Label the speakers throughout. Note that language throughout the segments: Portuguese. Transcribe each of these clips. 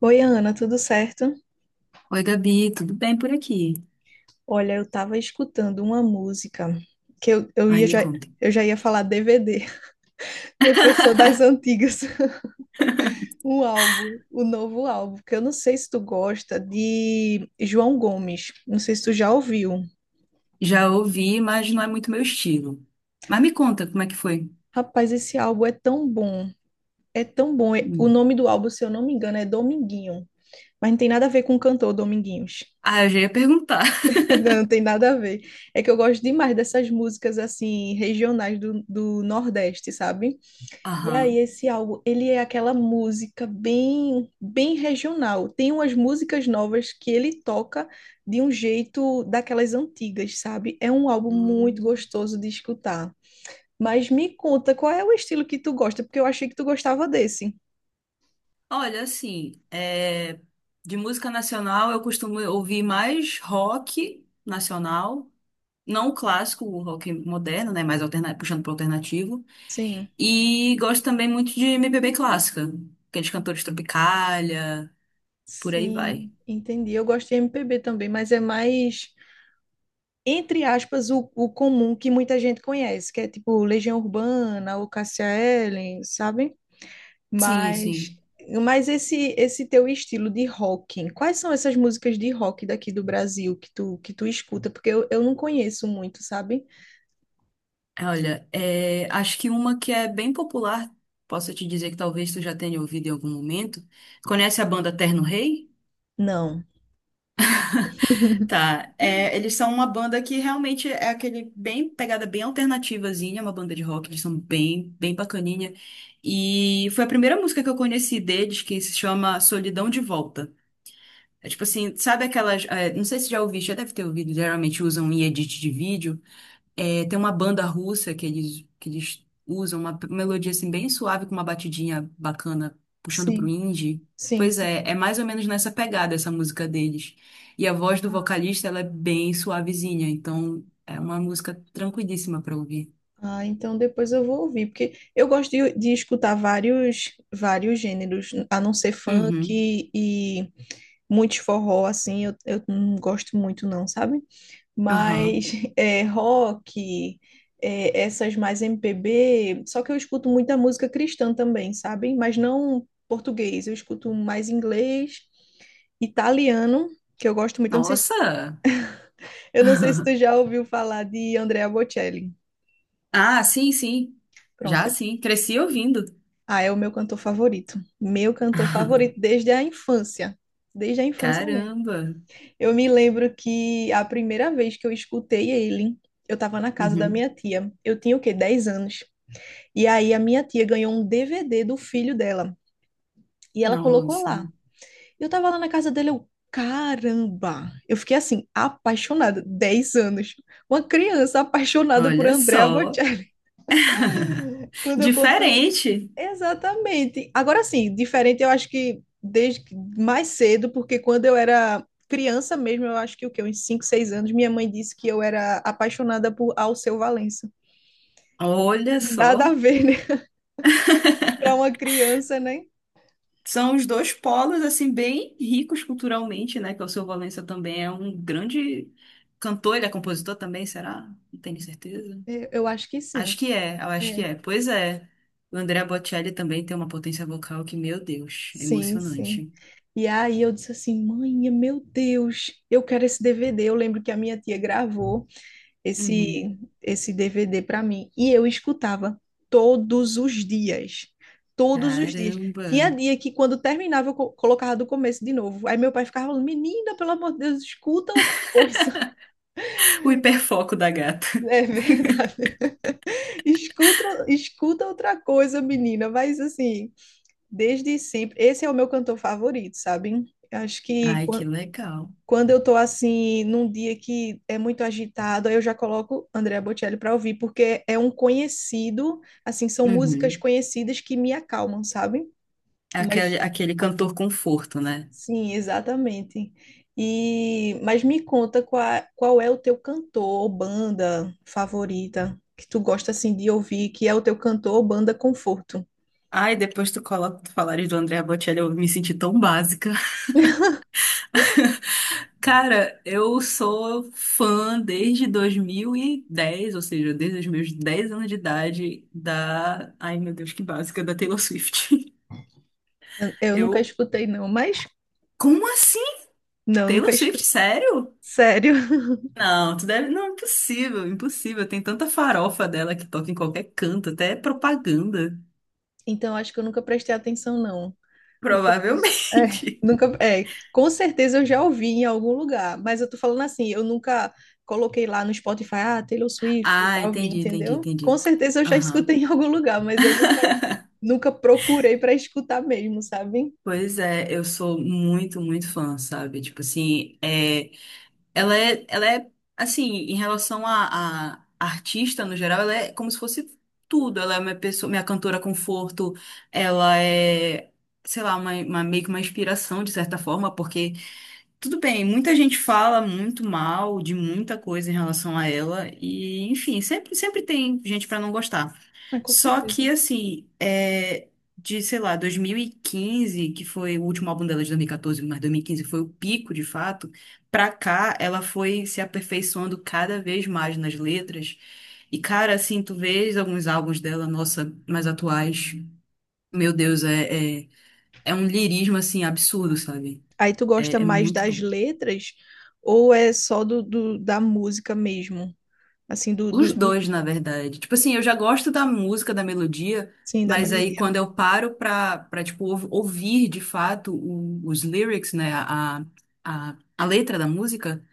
Speaker 1: Oi, Ana, tudo certo?
Speaker 2: Oi, Gabi, tudo bem por aqui?
Speaker 1: Olha, eu tava escutando uma música que eu
Speaker 2: Ai,
Speaker 1: ia
Speaker 2: me
Speaker 1: já,
Speaker 2: conta.
Speaker 1: eu já ia falar DVD, né? Porque eu sou das antigas. Um álbum, o novo álbum, que eu não sei se tu gosta, de João Gomes. Não sei se tu já ouviu.
Speaker 2: Já ouvi, mas não é muito meu estilo. Mas me conta, como é que foi?
Speaker 1: Rapaz, esse álbum é tão bom. É tão bom. O
Speaker 2: Hum.
Speaker 1: nome do álbum, se eu não me engano, é Dominguinho. Mas não tem nada a ver com o cantor Dominguinhos.
Speaker 2: Ah, eu já ia perguntar.
Speaker 1: Não tem nada a ver. É que eu gosto demais dessas músicas, assim, regionais do Nordeste, sabe? E
Speaker 2: Aham.
Speaker 1: aí, esse álbum, ele é aquela música bem, bem regional. Tem umas músicas novas que ele toca de um jeito daquelas antigas, sabe? É um álbum muito
Speaker 2: Hum.
Speaker 1: gostoso de escutar. Mas me conta, qual é o estilo que tu gosta? Porque eu achei que tu gostava desse.
Speaker 2: Olha, assim, é, de música nacional eu costumo ouvir mais rock nacional, não o clássico, o rock moderno, né? Mais alterna... puxando para alternativo.
Speaker 1: Sim,
Speaker 2: E gosto também muito de MPB clássica, aqueles cantores Tropicália, por aí vai.
Speaker 1: sim, entendi. Eu gosto de MPB também, mas é mais, entre aspas, o comum que muita gente conhece, que é tipo Legião Urbana, o Cássia Eller, sabe?
Speaker 2: Sim,
Speaker 1: Mas,
Speaker 2: sim.
Speaker 1: mas esse teu estilo de rock, quais são essas músicas de rock daqui do Brasil que tu escuta? Porque eu não conheço muito, sabe?
Speaker 2: Olha, é, acho que uma que é bem popular, posso te dizer que talvez tu já tenha ouvido em algum momento. Conhece a banda Terno Rei?
Speaker 1: Não.
Speaker 2: Tá, é, eles são uma banda que realmente é aquele bem pegada bem alternativazinha, uma banda de rock, eles são bem, bem bacaninha. E foi a primeira música que eu conheci deles, que se chama Solidão de Volta. É tipo assim, sabe aquelas, é, não sei se já ouviste, já deve ter ouvido, geralmente usam em edit de vídeo. É, tem uma banda russa que eles usam, uma melodia assim bem suave, com uma batidinha bacana, puxando pro
Speaker 1: Sim,
Speaker 2: indie.
Speaker 1: sim,
Speaker 2: Pois
Speaker 1: sim.
Speaker 2: é, é mais ou menos nessa pegada essa música deles. E a voz do vocalista, ela é bem suavezinha, então é uma música tranquilíssima pra ouvir.
Speaker 1: Ah, então depois eu vou ouvir, porque eu gosto de escutar vários gêneros, a não ser funk
Speaker 2: Uhum,
Speaker 1: e muitos forró assim, eu não gosto muito não, sabe?
Speaker 2: aham.
Speaker 1: Mas é, rock, é, essas mais MPB. Só que eu escuto muita música cristã também, sabe? Mas não português, eu escuto mais inglês, italiano, que eu gosto muito. Eu não sei se,
Speaker 2: Nossa!
Speaker 1: eu não sei se tu já ouviu falar de Andrea Bocelli.
Speaker 2: Ah, sim, sim. Já
Speaker 1: Pronto.
Speaker 2: sim, cresci ouvindo.
Speaker 1: Ah, é o meu cantor favorito. Meu cantor favorito desde a infância. Desde a infância mesmo.
Speaker 2: Caramba!
Speaker 1: Eu me lembro que a primeira vez que eu escutei ele, eu estava na casa da
Speaker 2: Uhum.
Speaker 1: minha tia. Eu tinha o quê? 10 anos. E aí a minha tia ganhou um DVD do filho dela e ela colocou
Speaker 2: Nossa,
Speaker 1: lá. Eu tava lá na casa dele, eu, caramba! Eu fiquei assim, apaixonada. 10 anos. Uma criança apaixonada por
Speaker 2: olha
Speaker 1: André
Speaker 2: só.
Speaker 1: Albuquerque. Quando eu conto.
Speaker 2: Diferente.
Speaker 1: Exatamente. Agora sim, diferente eu acho que mais cedo, porque quando eu era criança mesmo, eu acho que o quê? Uns 5, 6 anos, minha mãe disse que eu era apaixonada por Alceu Valença.
Speaker 2: Olha
Speaker 1: Nada
Speaker 2: só.
Speaker 1: a ver, né? Para uma criança, né?
Speaker 2: São os dois polos, assim, bem ricos culturalmente, né? Que o Alceu Valença também é um grande cantor, ele é compositor também, será? Não tenho certeza.
Speaker 1: Eu acho que sim.
Speaker 2: Eu acho que
Speaker 1: É.
Speaker 2: é. Pois é. O Andrea Bocelli também tem uma potência vocal que, meu Deus, é
Speaker 1: Sim, sim.
Speaker 2: emocionante.
Speaker 1: E aí eu disse assim, mãe, meu Deus, eu quero esse DVD. Eu lembro que a minha tia gravou
Speaker 2: Uhum.
Speaker 1: esse DVD para mim e eu escutava todos os dias, todos os dias.
Speaker 2: Caramba.
Speaker 1: Tinha dia que quando terminava eu colocava do começo de novo. Aí meu pai ficava falando, menina, pelo amor de Deus, escuta outra coisa.
Speaker 2: O hiperfoco da gata.
Speaker 1: É verdade. Escuta, escuta outra coisa, menina. Mas assim, desde sempre, esse é o meu cantor favorito, sabe? Acho que
Speaker 2: Ai, que
Speaker 1: quan-
Speaker 2: legal.
Speaker 1: Quando eu tô assim, num dia que é muito agitado, aí eu já coloco Andrea Bocelli para ouvir, porque é um conhecido, assim, são músicas
Speaker 2: Uhum.
Speaker 1: conhecidas que me acalmam, sabe?
Speaker 2: Aquele,
Speaker 1: Mas
Speaker 2: aquele cantor conforto, né?
Speaker 1: sim, exatamente. E mas me conta qual, qual é o teu cantor ou banda favorita que tu gosta assim de ouvir, que é o teu cantor ou banda conforto.
Speaker 2: Ai, depois tu coloca, tu falares do Andrea Bocelli, eu me senti tão básica. Cara, eu sou fã desde 2010, ou seja, desde os meus 10 anos de idade da... Ai, meu Deus, que básica, da Taylor Swift.
Speaker 1: Eu nunca
Speaker 2: Eu...
Speaker 1: escutei não, mas
Speaker 2: Como assim?
Speaker 1: não, nunca
Speaker 2: Taylor Swift,
Speaker 1: escutei.
Speaker 2: sério?
Speaker 1: Sério.
Speaker 2: Não, tu deve... Não, impossível, impossível. Tem tanta farofa dela que toca em qualquer canto, até é propaganda.
Speaker 1: Então acho que eu nunca prestei atenção não. É,
Speaker 2: Provavelmente.
Speaker 1: nunca, é, com certeza eu já ouvi em algum lugar, mas eu tô falando assim, eu nunca coloquei lá no Spotify, ah, Taylor Swift
Speaker 2: Ah,
Speaker 1: pra ouvir,
Speaker 2: entendi, entendi,
Speaker 1: entendeu? Com
Speaker 2: entendi.
Speaker 1: certeza eu já
Speaker 2: Aham.
Speaker 1: escutei em algum lugar, mas eu nunca, nunca procurei pra escutar mesmo, sabe?
Speaker 2: Pois é, eu sou muito, muito fã, sabe? Tipo assim, é... Ela é assim, em relação a artista no geral, ela é como se fosse tudo. Ela é minha pessoa, minha cantora conforto, ela é, sei lá, uma, meio que uma inspiração de certa forma, porque tudo bem, muita gente fala muito mal de muita coisa em relação a ela, e enfim, sempre, sempre tem gente pra não gostar.
Speaker 1: Ah, com
Speaker 2: Só
Speaker 1: certeza.
Speaker 2: que, assim, é, de sei lá, 2015, que foi o último álbum dela de 2014, mas 2015 foi o pico de fato, pra cá ela foi se aperfeiçoando cada vez mais nas letras. E, cara, assim, tu vês alguns álbuns dela, nossa, mais atuais, meu Deus, é, é, é um lirismo, assim, absurdo, sabe?
Speaker 1: Aí tu gosta
Speaker 2: É
Speaker 1: mais
Speaker 2: muito
Speaker 1: das
Speaker 2: bom.
Speaker 1: letras ou é só da música mesmo? Assim,
Speaker 2: Os dois, na verdade. Tipo assim, eu já gosto da música, da melodia,
Speaker 1: sim, da
Speaker 2: mas aí
Speaker 1: melodia.
Speaker 2: quando eu paro pra, pra tipo, ouvir de fato os lyrics, né, a letra da música,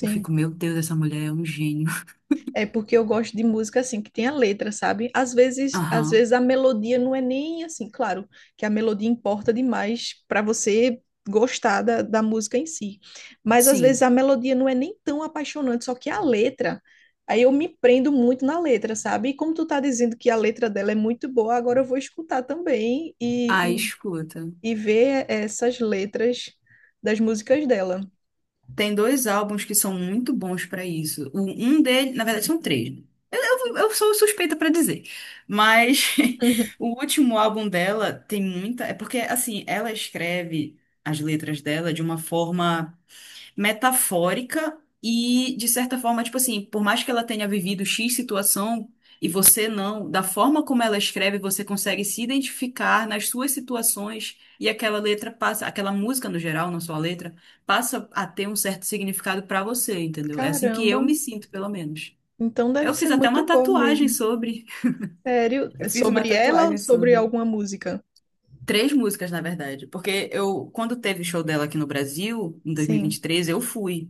Speaker 2: eu fico, meu Deus, essa mulher é um gênio.
Speaker 1: É porque eu gosto de música assim que tem a letra, sabe? Às
Speaker 2: Aham,
Speaker 1: vezes a melodia não é nem assim, claro, que a melodia importa demais para você gostar da música em si. Mas às vezes
Speaker 2: sim.
Speaker 1: a melodia não é nem tão apaixonante, só que a letra, aí eu me prendo muito na letra, sabe? E como tu tá dizendo que a letra dela é muito boa, agora eu vou escutar também
Speaker 2: Aí
Speaker 1: e,
Speaker 2: escuta.
Speaker 1: e, e ver essas letras das músicas dela.
Speaker 2: Tem dois álbuns que são muito bons pra isso. Um dele, na verdade, são três, né? Eu sou suspeita pra dizer. Mas
Speaker 1: Uhum.
Speaker 2: o último álbum dela tem muita. É porque, assim, ela escreve as letras dela de uma forma metafórica e, de certa forma, tipo assim, por mais que ela tenha vivido X situação e você não, da forma como ela escreve, você consegue se identificar nas suas situações e aquela letra passa, aquela música no geral, não só a letra, passa a ter um certo significado pra você, entendeu? É assim que eu
Speaker 1: Caramba,
Speaker 2: me sinto, pelo menos.
Speaker 1: então deve
Speaker 2: Eu
Speaker 1: ser
Speaker 2: fiz até uma
Speaker 1: muito boa
Speaker 2: tatuagem
Speaker 1: mesmo.
Speaker 2: sobre.
Speaker 1: Sério?
Speaker 2: Eu
Speaker 1: É
Speaker 2: fiz uma
Speaker 1: sobre ela ou
Speaker 2: tatuagem
Speaker 1: sobre
Speaker 2: sobre.
Speaker 1: alguma música?
Speaker 2: Três músicas, na verdade, porque eu, quando teve o show dela aqui no Brasil, em dois mil e vinte e
Speaker 1: Sim.
Speaker 2: três eu fui.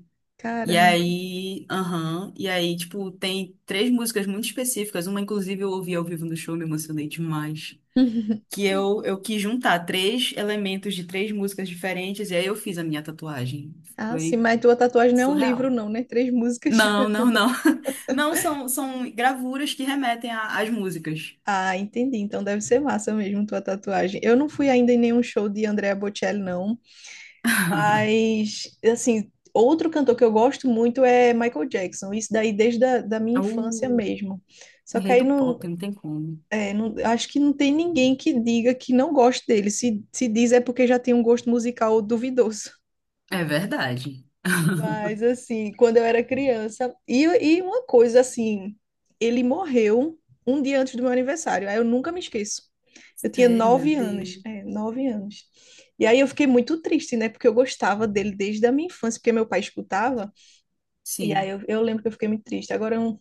Speaker 2: E
Speaker 1: Caramba.
Speaker 2: aí, aham, tipo, tem três músicas muito específicas, uma inclusive eu ouvi ao vivo no show, me emocionei demais, que eu quis juntar três elementos de três músicas diferentes, e aí eu fiz a minha tatuagem.
Speaker 1: Ah, sim,
Speaker 2: Foi
Speaker 1: mas tua tatuagem não é um livro,
Speaker 2: surreal.
Speaker 1: não, né? Três músicas.
Speaker 2: Não, não, não. Não, são gravuras que remetem às músicas.
Speaker 1: Ah, entendi. Então deve ser massa mesmo tua tatuagem. Eu não fui ainda em nenhum show de Andrea Bocelli, não. Mas, assim, outro cantor que eu gosto muito é Michael Jackson. Isso daí desde da minha infância mesmo. Só
Speaker 2: O
Speaker 1: que
Speaker 2: rei
Speaker 1: aí
Speaker 2: do
Speaker 1: não,
Speaker 2: pop, não tem como.
Speaker 1: é, acho que não tem ninguém que diga que não goste dele. Se diz é porque já tem um gosto musical duvidoso.
Speaker 2: É verdade.
Speaker 1: Mas assim, quando eu era criança, e uma coisa assim, ele morreu um dia antes do meu aniversário, aí eu nunca me esqueço. Eu tinha
Speaker 2: Sério, meu
Speaker 1: 9 anos,
Speaker 2: Deus.
Speaker 1: é, 9 anos. E aí eu fiquei muito triste, né? Porque eu gostava dele desde a minha infância, porque meu pai escutava. E aí
Speaker 2: Sim,
Speaker 1: eu lembro que eu fiquei muito triste.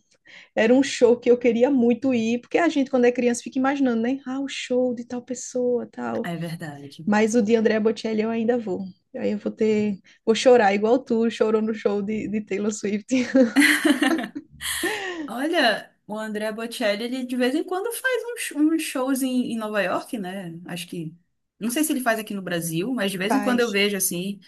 Speaker 1: Era um show que eu queria muito ir, porque a gente, quando é criança, fica imaginando, né? Ah, o show de tal pessoa, tal.
Speaker 2: é verdade.
Speaker 1: Mas o de Andrea Bocelli eu ainda vou. Aí eu vou ter. Vou chorar igual tu chorou no show de Taylor Swift.
Speaker 2: Olha, o André Bocelli, ele de vez em quando faz uns shows em Nova York, né? Acho que. Não sei se ele faz aqui no Brasil, mas de vez em quando eu
Speaker 1: Faz.
Speaker 2: vejo, assim,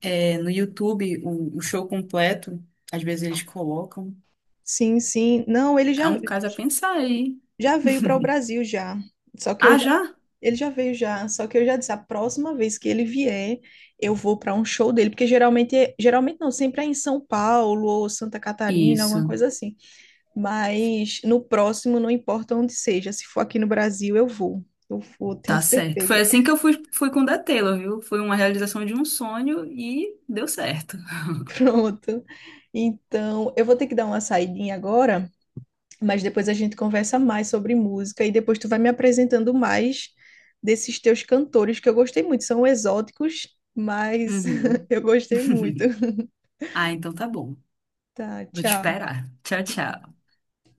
Speaker 2: é, no YouTube o show completo. Às vezes eles colocam.
Speaker 1: Sim, sim. Não, ele
Speaker 2: É
Speaker 1: já,
Speaker 2: um caso a pensar aí.
Speaker 1: já veio para o Brasil já. Só que eu
Speaker 2: Ah,
Speaker 1: já.
Speaker 2: já?
Speaker 1: Ele já veio já, só que eu já disse, a próxima vez que ele vier, eu vou para um show dele, porque geralmente, geralmente não, sempre é em São Paulo ou Santa Catarina,
Speaker 2: Isso,
Speaker 1: alguma coisa assim. Mas no próximo, não importa onde seja, se for aqui no Brasil, eu vou. Eu vou, tenho
Speaker 2: tá certo. Foi
Speaker 1: certeza.
Speaker 2: assim que eu fui, com o da Taylor, viu? Foi uma realização de um sonho e deu certo.
Speaker 1: Pronto. Então, eu vou ter que dar uma saidinha agora, mas depois a gente conversa mais sobre música e depois tu vai me apresentando mais desses teus cantores que eu gostei muito. São exóticos, mas
Speaker 2: Uhum.
Speaker 1: eu gostei muito.
Speaker 2: Ah, então tá bom.
Speaker 1: Tá,
Speaker 2: Vou te
Speaker 1: tchau.
Speaker 2: esperar. Tchau, tchau.